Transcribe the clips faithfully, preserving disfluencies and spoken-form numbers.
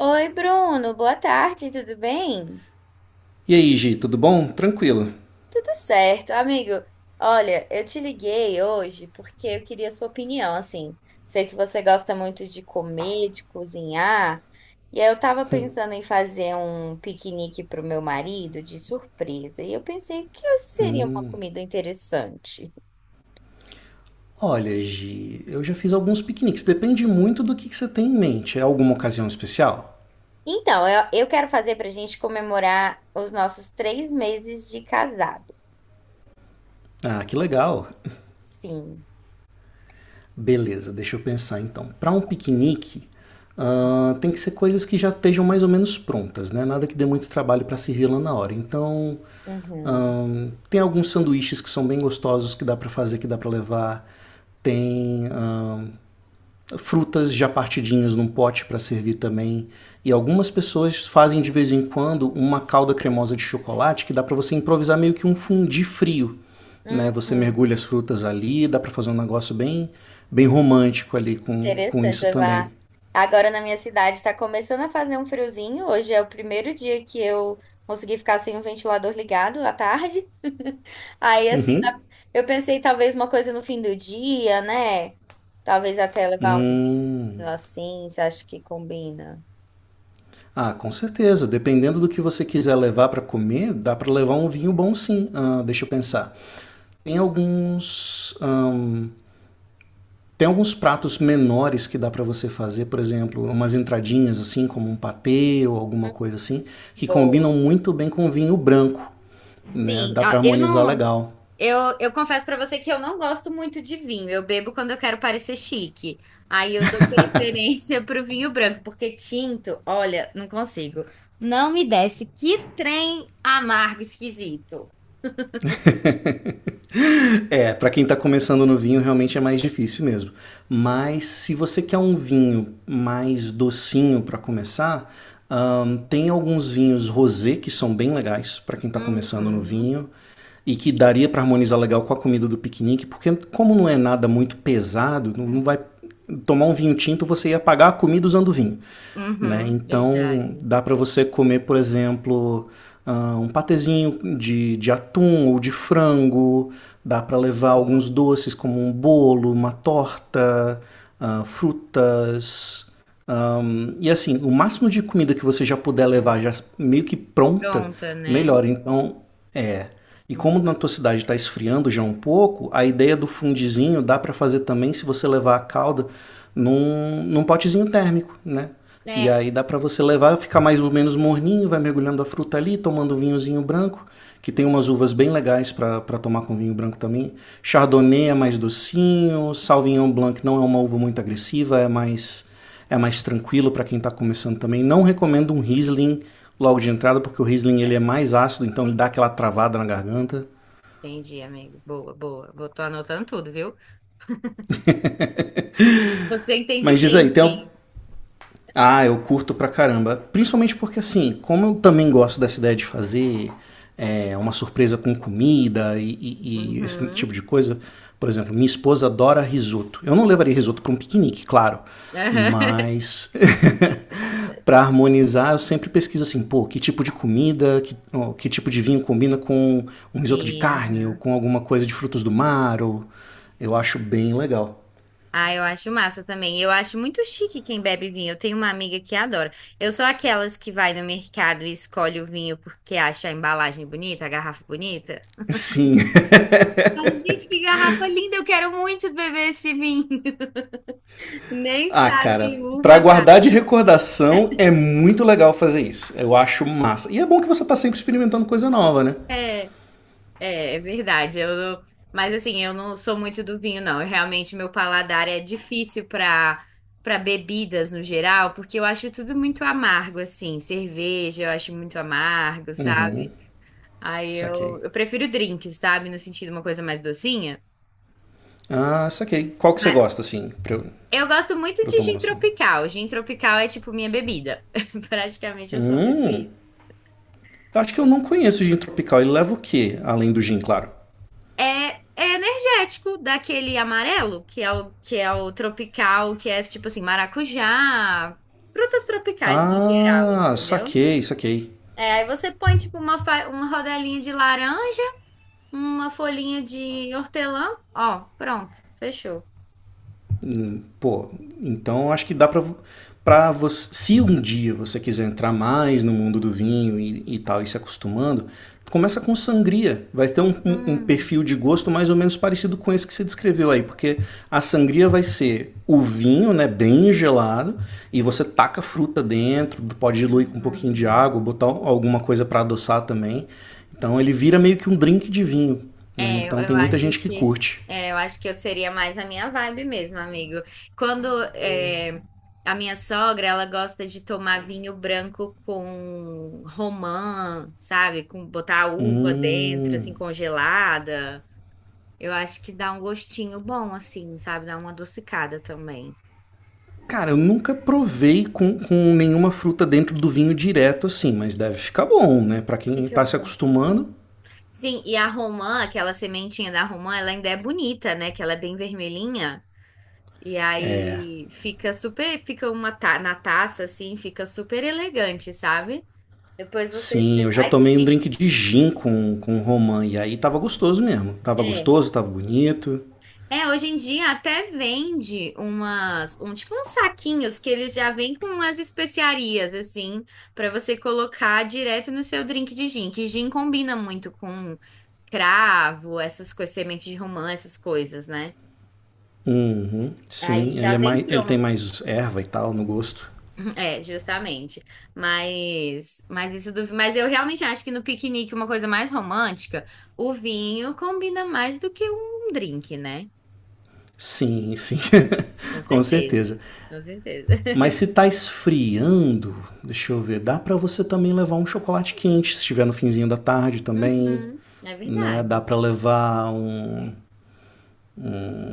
Oi, Bruno, boa tarde, tudo bem? E aí, Gi, tudo bom? Tranquilo? Tudo certo, amigo. Olha, eu te liguei hoje porque eu queria a sua opinião, assim. Sei que você gosta muito de comer, de cozinhar, e aí eu tava pensando em fazer um piquenique pro meu marido de surpresa, e eu pensei que seria uma comida interessante. Olha, Gi, eu já fiz alguns piqueniques. Depende muito do que, que você tem em mente. É alguma ocasião especial? Então, eu, eu quero fazer pra gente comemorar os nossos três meses de casado. Ah, que legal. Sim. Beleza, deixa eu pensar então. Para um piquenique, ah, tem que ser coisas que já estejam mais ou menos prontas, né? Nada que dê muito trabalho para servir lá na hora. Então, Uhum. ahn, tem alguns sanduíches que são bem gostosos que dá para fazer, que dá para levar. Tem ahn, frutas já partidinhas num pote para servir também. E algumas pessoas fazem de vez em quando uma calda cremosa de chocolate que dá para você improvisar meio que um fundi frio. Né? Você Uhum. mergulha as frutas ali, dá para fazer um negócio bem, bem romântico ali com, com Interessante isso também. levar. Agora na minha cidade está começando a fazer um friozinho. Hoje é o primeiro dia que eu consegui ficar sem o ventilador ligado à tarde. Aí assim, Uhum. dá- eu pensei talvez uma coisa no fim do dia, né? Talvez até levar um Hum. vinho assim, você acha que combina? Ah, com certeza. Dependendo do que você quiser levar para comer, dá para levar um vinho bom sim. Ah, deixa eu pensar. Tem alguns. ahn, Tem alguns pratos menores que dá para você fazer, por exemplo, umas entradinhas assim, como um patê ou alguma coisa assim, que Boa. combinam muito bem com vinho branco, né? Sim, Dá para a- eu harmonizar não. legal. Eu, eu confesso pra você que eu não gosto muito de vinho. Eu bebo quando eu quero parecer chique. Aí eu dou preferência pro vinho branco, porque tinto, olha, não consigo. Não me desce. Que trem amargo, esquisito. É, para quem está começando no vinho realmente é mais difícil mesmo. Mas se você quer um vinho mais docinho para começar, ahn, tem alguns vinhos rosé que são bem legais para quem está começando no Uhum, vinho e que daria para harmonizar legal com a comida do piquenique, porque como não é nada muito pesado, não vai tomar um vinho tinto, você ia pagar a comida usando vinho. Né? uhum, Então, verdade. dá para você comer, por exemplo, ah, um patezinho de, de atum ou de frango, dá para levar alguns Gosto. doces como um bolo, uma torta, ah, frutas, um, e assim, o máximo de comida que você já puder levar, já meio que pronta, Pronta, né? melhor. Então, é. E Hum. como na tua cidade está esfriando já um pouco, a ideia do fundizinho dá para fazer também se você levar a calda num, num potezinho térmico, né? E É, aí dá para você levar, ficar mais ou menos morninho, vai mergulhando a fruta ali, tomando um vinhozinho branco, que tem umas uvas bem legais para tomar com vinho branco também. Chardonnay é mais docinho, Sauvignon Blanc não é uma uva muito agressiva, é mais é mais tranquilo para quem está começando também. Não recomendo um Riesling logo de entrada, porque o Riesling ele é, é mais ácido, então ele dá aquela travada na garganta. entendi, amigo. Boa, boa. Vou, tô anotando tudo, viu? Você entende Mas diz bem aí, de tem, vinho. ah, eu curto pra caramba. Principalmente porque, assim, como eu também gosto dessa ideia de fazer é, uma surpresa com comida e, e- e esse tipo Uhum. de coisa, por exemplo, minha esposa adora risoto. Eu não levaria risoto para um piquenique, claro, mas para harmonizar eu sempre pesquiso assim, pô, que tipo de comida, que, ó, que tipo de vinho combina com um risoto de Sim. É. carne ou com alguma coisa de frutos do mar, ou... eu acho bem legal. Ah, eu acho massa também. Eu acho muito chique quem bebe vinho. Eu tenho uma amiga que adora. Eu sou aquelas que vai no mercado e escolhe o vinho porque acha a embalagem bonita, a garrafa bonita. Sim. Falo, gente, que garrafa linda! Eu quero muito beber esse vinho. Nem Ah, sabe cara, uva. pra guardar de recordação é muito legal fazer isso. Eu acho massa. E é bom que você tá sempre experimentando coisa nova, né? É, é, é verdade. Eu não- mas assim, eu não sou muito do vinho, não. Eu, realmente, meu paladar é difícil para para bebidas no geral, porque eu acho tudo muito amargo, assim. Cerveja, eu acho muito amargo, sabe? Aí eu, Saquei. eu prefiro drinks, sabe? No sentido uma coisa mais docinha. Ah, saquei. Qual que você Mas gosta, assim, pra eu, eu gosto muito pra eu de tomar gin noção? tropical. Gin tropical é tipo minha bebida. Praticamente eu só bebo Hum, isso. eu acho que eu não conheço o gin tropical. Ele leva o quê? Além do gin, claro. É, é energético, daquele amarelo, que é o, que é o tropical, que é tipo assim, maracujá, frutas tropicais no geral, Ah, entendeu? saquei, saquei. É, aí você põe tipo uma, fa- uma rodelinha de laranja, uma folhinha de hortelã, ó, pronto, fechou. Pô, então acho que dá pra, pra você. Se um dia você quiser entrar mais no mundo do vinho e, e tal, e se acostumando, começa com sangria. Vai ter um, um- um Hum, perfil de gosto mais ou menos parecido com esse que você descreveu aí, porque a sangria vai ser o vinho, né, bem gelado, e você taca fruta dentro, pode diluir uhum, com um pouquinho de uhum. água, botar alguma coisa para adoçar também. Então ele vira meio que um drink de vinho, né? É, eu Então eu tem muita acho gente que que curte. é, eu acho que eu seria mais a minha vibe mesmo, amigo. Quando é, a minha sogra, ela gosta de tomar vinho branco com romã, sabe? Com botar a uva dentro, assim, Hum. congelada. Eu acho que dá um gostinho bom, assim, sabe? Dá uma adocicada também. Cara, eu nunca provei com, com nenhuma fruta dentro do vinho direto assim, mas deve ficar bom, né? Pra quem Fica tá se bom. acostumando. Sim, e a romã, aquela sementinha da romã, ela ainda é bonita, né? Que ela é bem vermelhinha. E aí fica super, fica uma ta na taça assim, fica super elegante, sabe? Depois você, Sim, eu já ai que tomei um chique. drink de gin com, com romã e aí tava gostoso mesmo. Tava É. gostoso, tava bonito. É, hoje em dia até vende umas, um tipo uns saquinhos que eles já vêm com umas especiarias assim, pra você colocar direto no seu drink de gin, que gin combina muito com cravo, essas coisas, semente de romã, essas coisas, né? Uhum, Aí sim, já ele é vem mais, ele tem pronto. mais erva e tal no gosto. Uhum. É, justamente. Mas, mas isso do, mas eu realmente acho que no piquenique uma coisa mais romântica, o vinho combina mais do que um drink, né? Sim, sim, Com com certeza. certeza. Com certeza. Mas se tá esfriando, deixa eu ver, dá pra você também levar um chocolate quente, se estiver no finzinho da tarde também, Uhum, é né? Dá verdade. pra levar um, É.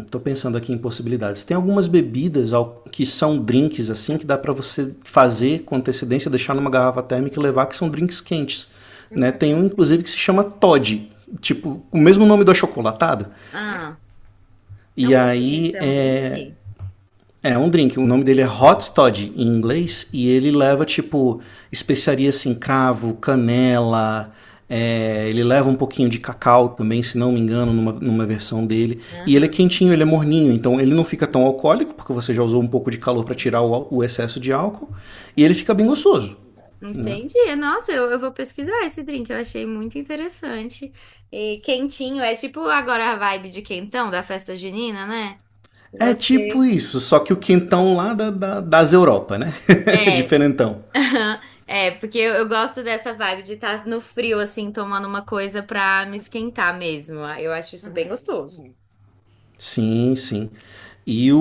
estou pensando aqui em possibilidades. Tem algumas bebidas al- que são drinks assim que dá para você fazer com antecedência, deixar numa garrafa térmica e levar que são drinks quentes, né? Tem Uhum. um inclusive que se chama Todd, tipo o mesmo nome do achocolatado. Ah, não E aí conheço, é um é, drink? é um drink. O nome dele é Hot Toddy em inglês e ele leva tipo especiarias assim, cravo, canela. É, ele leva um pouquinho de cacau também, se não me engano, numa, numa versão dele. E ele é Aham. quentinho, ele é morninho, então ele não fica tão alcoólico, porque você já usou um pouco de calor para tirar o, o excesso de álcool. E ele fica bem gostoso, né? Entendi. Nossa, eu, eu vou pesquisar esse drink, eu achei muito interessante. E quentinho, é tipo agora a vibe de quentão da festa junina, né? É Você- tipo isso, só que o quentão lá da, da- das Europa, né? É, Diferentão. aham. É, porque eu, eu gosto dessa vibe de estar no frio, assim, tomando uma coisa pra me esquentar mesmo. Ah, eu acho isso bem gostoso. Sim, sim. E o,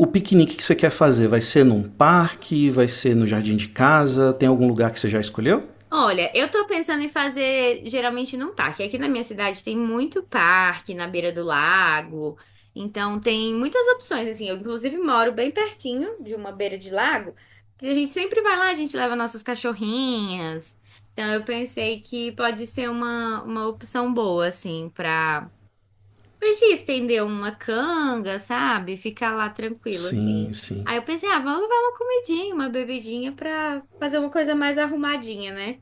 o piquenique que você quer fazer, vai ser num parque, vai ser no jardim de casa, tem algum lugar que você já escolheu? Olha, eu tô pensando em fazer geralmente num parque. Aqui na minha cidade tem muito parque na beira do lago. Então tem muitas opções, assim. Eu, inclusive, moro bem pertinho de uma beira de lago. Que a gente sempre vai lá, a gente leva nossas cachorrinhas. Então eu pensei que pode ser uma, uma opção boa, assim, pra. Podia estender uma canga, sabe? Ficar lá tranquilo, assim. Sim, sim. Aí eu pensei, ah, vamos levar uma comidinha, uma bebidinha pra fazer uma coisa mais arrumadinha, né?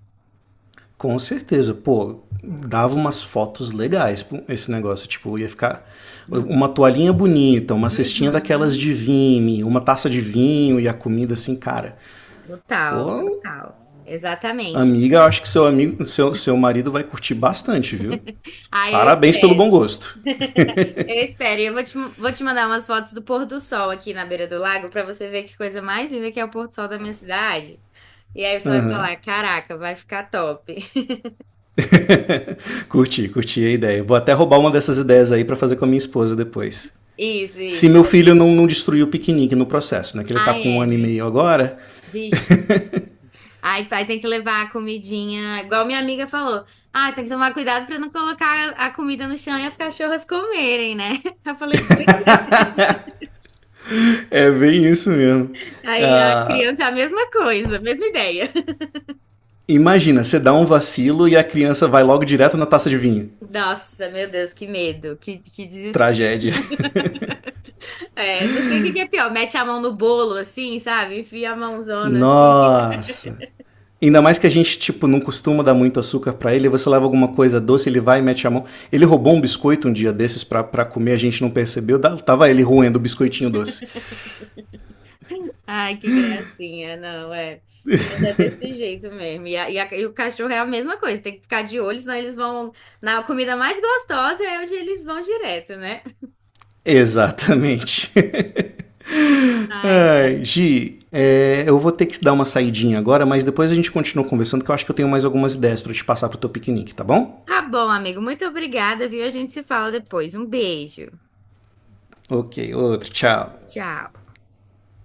Com certeza, pô, dava umas fotos legais pô, esse negócio, tipo, ia ficar Hum. uma toalhinha bonita, uma cestinha daquelas Uhum. de vinho, uma taça de vinho e a comida assim, cara. Total, Pô, total. Exatamente. amiga, eu acho que seu amigo, seu, seu marido vai curtir bastante, viu? Aí eu Parabéns pelo espero, bom gosto. eu espero. E eu vou te, vou te mandar umas fotos do pôr do sol aqui na beira do lago pra você ver que coisa mais linda que é o pôr do sol da minha cidade. E aí você vai falar, caraca, vai ficar top. Curti, curti a ideia. Vou até roubar uma dessas ideias aí para fazer com a minha esposa depois. Isso, Se isso. meu filho não, não destruiu o piquenique no processo, né? Que ele tá Ah, com um é, ano e né? meio agora. Vixe. Ai, pai, tem que levar a comidinha. Igual minha amiga falou. Ah, tem que tomar cuidado pra não colocar a comida no chão e as cachorras comerem, né? Eu falei, pois é. É bem isso mesmo. Aí a Ah, criança é a mesma coisa, a mesma ideia. imagina, você dá um vacilo e a criança vai logo direto na taça de vinho. Nossa, meu Deus, que medo, que, que desespero. Tragédia. É, não sei o que que é pior. Mete a mão no bolo, assim, sabe? Enfia a mãozona, assim. Nossa. Ainda mais que a gente, tipo, não costuma dar muito açúcar pra ele, você leva alguma coisa doce, ele vai e mete a mão. Ele roubou um biscoito um dia desses pra, pra comer, a gente não percebeu, tava ele roendo o biscoitinho doce. Ai, que gracinha, não, é. Criança é desse jeito mesmo. E, a- e, a- e o cachorro é a mesma coisa, tem que ficar de olho, senão eles vão na comida mais gostosa, é onde eles vão direto, né? Exatamente. Ai, ai. Ai, Gi, é, eu vou ter que dar uma saidinha agora, mas depois a gente continua conversando, que eu acho que eu tenho mais algumas ideias para te passar pro teu piquenique, tá bom? Tá bom, amigo, muito obrigada, viu? A gente se fala depois. Um beijo. Ok, outro, tchau. Tchau.